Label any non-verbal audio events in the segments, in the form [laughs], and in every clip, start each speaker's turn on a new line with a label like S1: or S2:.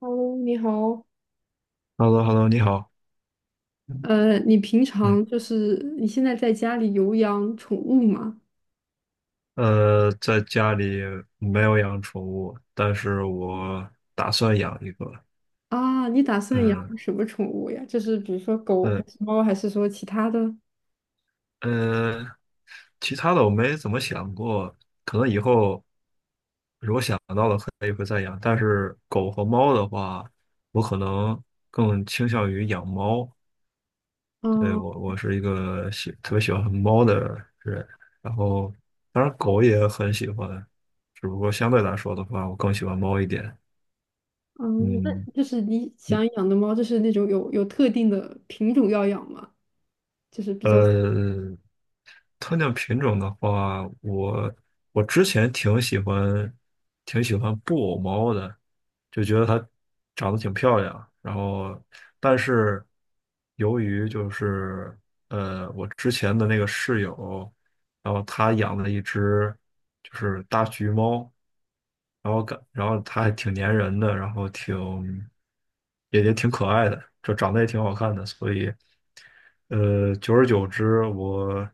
S1: Hello，你好。
S2: h e l l o h e l l o 你好。
S1: 你平
S2: 嗯，
S1: 常就是你现在在家里有养宠物吗？
S2: 在家里没有养宠物，但是我打算养一个。
S1: 啊，你打算养
S2: 嗯，
S1: 什么宠物呀？就是比如说狗还
S2: 嗯
S1: 是猫，还是说其他的？
S2: 嗯，其他的我没怎么想过，可能以后如果想到了，可以会再养。但是狗和猫的话，我可能更倾向于养猫。对，
S1: 啊
S2: 我是一个特别喜欢猫的人，然后当然狗也很喜欢，只不过相对来说的话，我更喜欢猫一点。
S1: 嗯，那
S2: 嗯，
S1: 就是你
S2: 你
S1: 想养的猫，就是那种有特定的品种要养吗？就是比较
S2: 呃，特定品种的话，我之前挺喜欢布偶猫的，就觉得它长得挺漂亮。然后，但是由于就是我之前的那个室友。然后他养了一只就是大橘猫，然后感然后它还挺粘人的，然后挺也挺可爱的，就长得也挺好看的，所以久而久之，我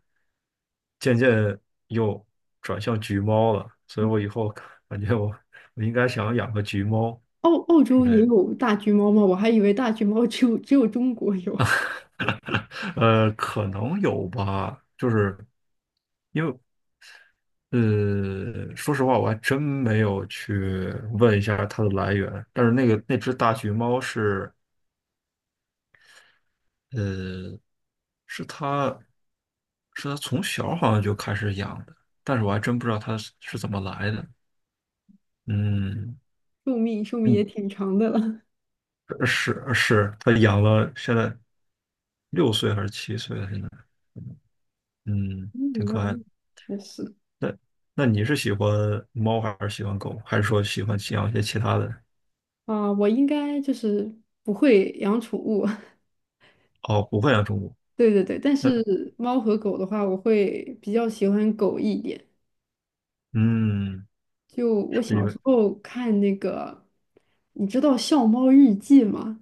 S2: 渐渐又转向橘猫了，所以我以后感觉我应该想养个橘猫
S1: 澳澳
S2: 之
S1: 洲
S2: 类
S1: 也
S2: 的，
S1: 有大橘猫吗？我还以为大橘猫只有中国有，
S2: [laughs] 可能有吧，就是。说实话，我还真没有去问一下它的来源。但是那个那只大橘猫是，呃，是它是它从小好像就开始养的，但是我还真不知道它是怎么来的。嗯
S1: 寿命也
S2: 嗯，
S1: 挺长的了。
S2: 是是，它养了现在6岁还是7岁了？现在，嗯，挺
S1: 嗯，
S2: 可
S1: 那
S2: 爱的。
S1: 确实
S2: 那你是喜欢猫还是喜欢狗，还是说喜欢养一些其他的？
S1: 啊，我应该就是不会养宠物，[laughs]
S2: 哦，不会养宠物。
S1: 对对对，但
S2: 那
S1: 是猫和狗的话，我会比较喜欢狗一点。
S2: 嗯。
S1: 就
S2: 是
S1: 我
S2: 因
S1: 小
S2: 为
S1: 时候看那个，你知道《笑猫日记》吗？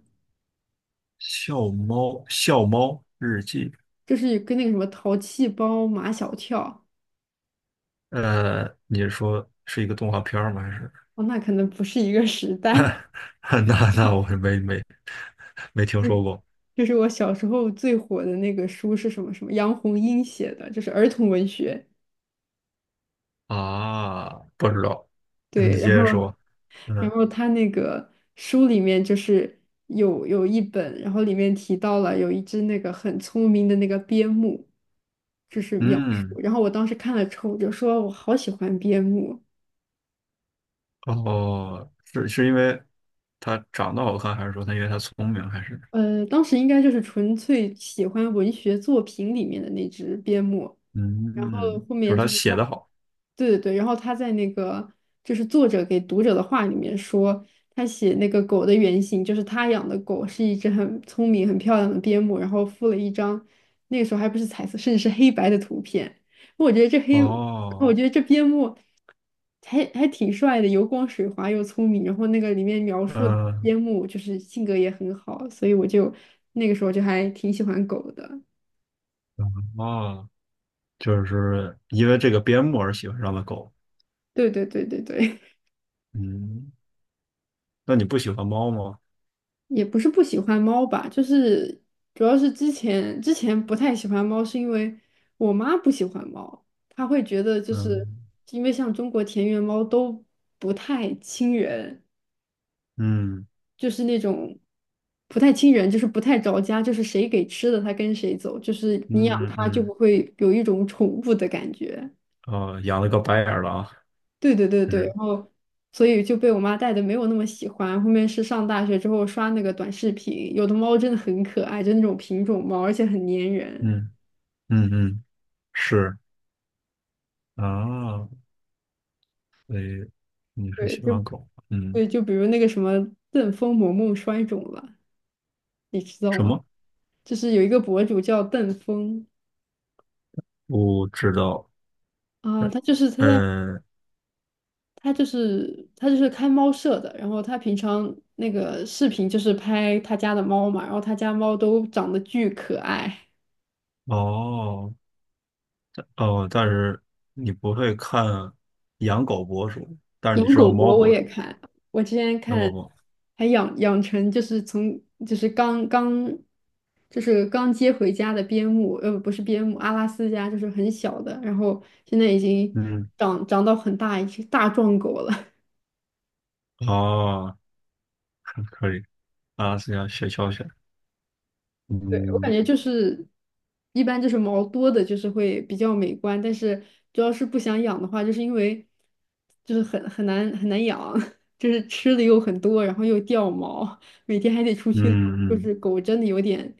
S2: 笑猫日记，
S1: 就是跟那个什么淘气包马小跳，
S2: 你是说是一个动画片儿吗？还是？
S1: 哦，那可能不是一个时代。[laughs]
S2: [laughs] 那我没听说
S1: 嗯，
S2: 过
S1: 就是我小时候最火的那个书是什么什么？杨红樱写的，就是儿童文学。
S2: 啊，不知道。你
S1: 对，
S2: 接
S1: 然后
S2: 着说。
S1: 然
S2: 嗯
S1: 后他那个书里面就是有一本，然后里面提到了有一只那个很聪明的那个边牧，就是描述。
S2: 嗯，
S1: 然后我当时看了之后，我就说我好喜欢边牧。
S2: 哦，是因为他长得好看，还是说他因为他聪明，还是
S1: 当时应该就是纯粹喜欢文学作品里面的那只边牧。然后
S2: 嗯，
S1: 后
S2: 就是
S1: 面
S2: 他
S1: 就是
S2: 写
S1: 他，
S2: 的好。
S1: 对对对，然后他在那个就是作者给读者的话里面说，他写那个狗的原型就是他养的狗是一只很聪明、很漂亮的边牧，然后附了一张那个时候还不是彩色，甚至是黑白的图片。我觉得这黑，我
S2: 哦，
S1: 觉得这边牧还挺帅的，油光水滑又聪明。然后那个里面描述的
S2: 嗯，
S1: 边牧就是性格也很好，所以我就那个时候就还挺喜欢狗的。
S2: 嗯哦，就是因为这个边牧而喜欢上的狗。
S1: 对对对对对。
S2: 嗯，那你不喜欢猫吗？
S1: 也不是不喜欢猫吧，就是主要是之前不太喜欢猫，是因为我妈不喜欢猫，她会觉得就是
S2: 嗯
S1: 因为像中国田园猫都不太亲人，
S2: 嗯
S1: 就是那种不太亲人，就是不太着家，就是谁给吃的它跟谁走，就是你养
S2: 嗯嗯
S1: 它就不
S2: 嗯，
S1: 会有一种宠物的感觉。
S2: 哦，养了个白眼儿狼，
S1: 对对对
S2: 就
S1: 对，
S2: 是
S1: 然后所以就被我妈带的没有那么喜欢。后面是上大学之后刷那个短视频，有的猫真的很可爱，就那种品种猫，而且很粘人。
S2: 嗯嗯嗯，是啊，所以你是
S1: 对，
S2: 喜欢
S1: 就
S2: 狗？嗯，
S1: 对，就比如那个什么邓峰萌萌摔肿了，你知道
S2: 什
S1: 吗？
S2: 么？
S1: 就是有一个博主叫邓峰
S2: 不知道。
S1: 啊，
S2: 呃嗯，
S1: 他就是开猫舍的，然后他平常那个视频就是拍他家的猫嘛，然后他家猫都长得巨可爱。
S2: 哦哦，但是你不会看养狗博主，但是你
S1: 养
S2: 知道
S1: 狗
S2: 猫
S1: 博我
S2: 博主，
S1: 也看，我之前
S2: 养
S1: 看
S2: 狗博主。
S1: 还养成就是从就是刚刚就是刚接回家的边牧，不是边牧，阿拉斯加就是很小的，然后现在已经
S2: 嗯，
S1: 长到很大一只大壮狗了。
S2: 哦，可以啊，是要学教学。
S1: 我感
S2: 嗯
S1: 觉就是一般就是毛多的，就是会比较美观，但是主要是不想养的话，就是因为就是很难很难养，[laughs] 就是吃的又很多，然后又掉毛，每天还得出
S2: 嗯
S1: 去遛，就
S2: 嗯，
S1: 是狗真的有点，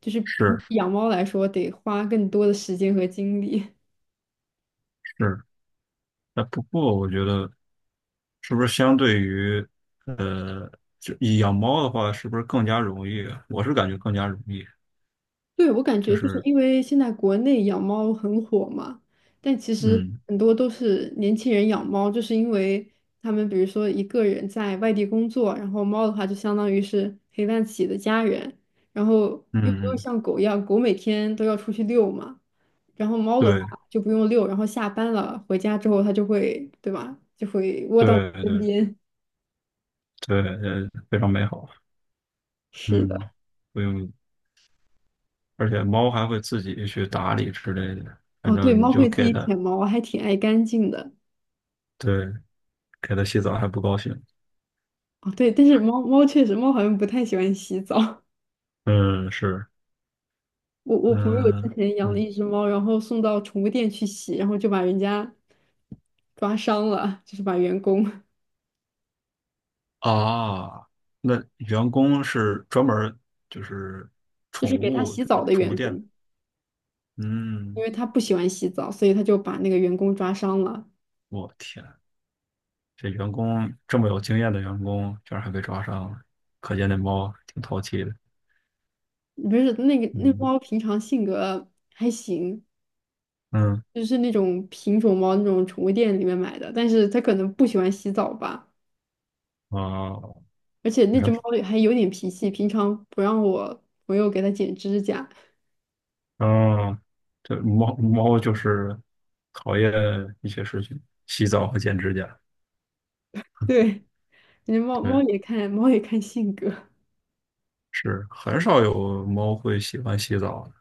S1: 就是比
S2: 是
S1: 养猫来说得花更多的时间和精力。
S2: 是。那不过我觉得是不是相对于呃，就养猫的话，是不是更加容易啊我是感觉更加容易，
S1: 对，我感
S2: 就
S1: 觉就是
S2: 是
S1: 因为现在国内养猫很火嘛，但其实
S2: 嗯
S1: 很多都是年轻人养猫，就是因为他们比如说一个人在外地工作，然后猫的话就相当于是陪伴自己的家人，然后
S2: 嗯
S1: 又不用
S2: 嗯，
S1: 像狗一样，狗每天都要出去遛嘛，然后猫的话
S2: 对
S1: 就不用遛，然后下班了回家之后它就会，对吧，就会窝到你
S2: 对
S1: 身
S2: 对
S1: 边。
S2: 对，非常美好，
S1: 是的，
S2: 嗯，不用，而且猫还会自己去打理之类的，反
S1: 哦，对，
S2: 正你
S1: 猫
S2: 就
S1: 会自
S2: 给
S1: 己
S2: 它，
S1: 舔毛，还挺爱干净的。
S2: 对，给它洗澡还不高兴，
S1: 哦，对，但是猫猫确实，猫好像不太喜欢洗澡。[laughs]
S2: 嗯，是，
S1: 我朋友之
S2: 嗯
S1: 前养了
S2: 嗯。
S1: 一只猫，然后送到宠物店去洗，然后就把人家抓伤了，就是把员工，
S2: 啊，那员工是专门儿就是
S1: 就
S2: 宠
S1: 是给他
S2: 物，
S1: 洗
S2: 就
S1: 澡
S2: 是
S1: 的
S2: 宠物
S1: 员
S2: 店的。
S1: 工，因
S2: 嗯，
S1: 为他不喜欢洗澡，所以他就把那个员工抓伤了。
S2: 我天，这员工这么有经验的员工，居然还被抓伤了，可见那猫挺淘气的。
S1: 不是那个那
S2: 嗯
S1: 猫平常性格还行，
S2: 嗯
S1: 就是那种品种猫，那种宠物店里面买的，但是它可能不喜欢洗澡吧，
S2: 啊，
S1: 而且
S2: 你
S1: 那只猫还有点脾气，平常不让我朋友给它剪指甲。
S2: 啊，这猫猫就是讨厌一些事情，洗澡和剪指甲。
S1: [laughs] 对。你猫
S2: 对，
S1: 猫也看性格
S2: 是很少有猫会喜欢洗澡的。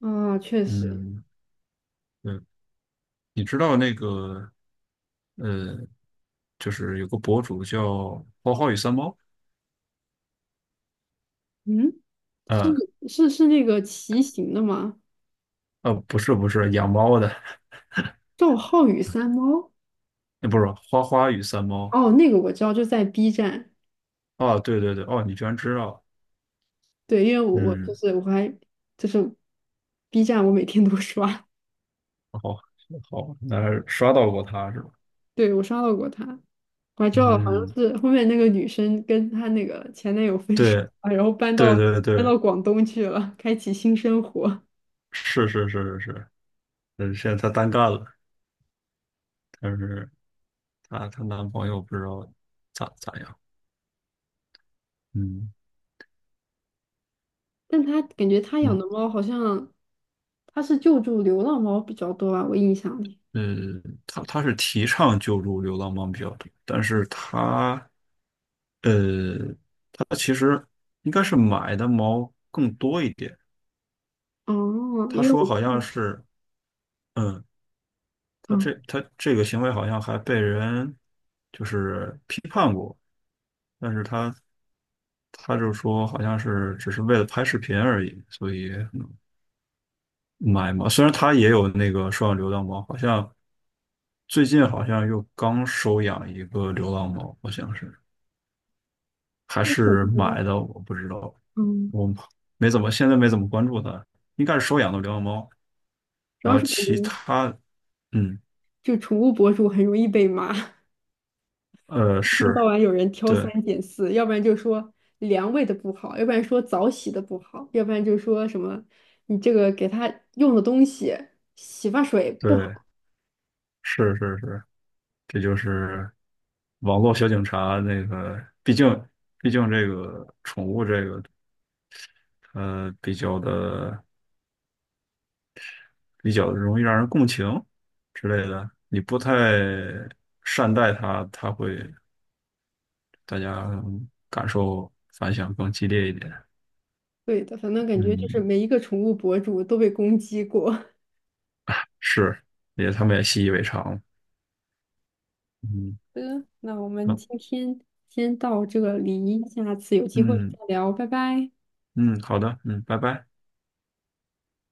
S1: 啊，确实，
S2: 嗯，对，你知道那个。呃，就是有个博主叫花花与三猫，
S1: 嗯，是
S2: 嗯，
S1: 是是那个骑行的吗？
S2: 不是不是养猫的，[laughs]
S1: 赵浩宇三猫
S2: 那不是花花与三猫
S1: 哦，那个我知道，就在 B 站，
S2: 哦，对对对，哦，你居然知道，
S1: 对，因为我就
S2: 嗯，
S1: 是我还就是 B 站，我每天都 [laughs] 刷，
S2: 好好，那刷到过他是吧？
S1: 对我刷到过他，我还知道好像
S2: 嗯，
S1: 是后面那个女生跟她那个前男友分手
S2: 对
S1: 了，然后搬
S2: 对
S1: 到
S2: 对
S1: 搬
S2: 对，
S1: 到广东去了，开启新生活。
S2: 是是是是是，嗯，现在她单干了，但是她男朋友不知道咋样，嗯
S1: 但他感觉他养
S2: 嗯
S1: 的猫好像他是救助流浪猫比较多吧，我印象里。
S2: 呃，她是提倡救助流浪猫比较多，但是她呃它其实应该是买的猫更多一点。
S1: 哦，
S2: 他
S1: 因为
S2: 说
S1: 我
S2: 好
S1: 看，
S2: 像是，嗯，他
S1: 嗯，
S2: 这他这个行为好像还被人就是批判过，但是他就说好像是只是为了拍视频而已，所以买嘛。虽然他也有那个收养流浪猫，好像最近好像又刚收养一个流浪猫，好像是还
S1: 我感
S2: 是
S1: 觉
S2: 买的，我不知道，
S1: 嗯，
S2: 我没怎么现在没怎么关注他，应该是收养的流浪猫。
S1: 主
S2: 然
S1: 要
S2: 后
S1: 是感
S2: 其
S1: 觉
S2: 他，嗯，
S1: 就宠物博主很容易被骂，[laughs] 一天到
S2: 是，
S1: 晚有人挑三
S2: 对
S1: 拣四，要不然就说粮喂的不好，要不然说澡洗的不好，要不然就说什么你这个给它用的东西洗发水不
S2: 对，
S1: 好。
S2: 是是是，这就是网络小警察那个，毕竟这个宠物这个，呃，比较的比较容易让人共情之类的，你不太善待它，它会大家感受反响更激烈一点。
S1: 对的，反正感觉就是
S2: 嗯，
S1: 每一个宠物博主都被攻击过。
S2: 是，他们也习以为常了。嗯，
S1: 的，那我们
S2: 好，
S1: 今天先到这里，下次有机会
S2: 嗯
S1: 再聊，拜拜。
S2: 嗯，好的，嗯，拜拜。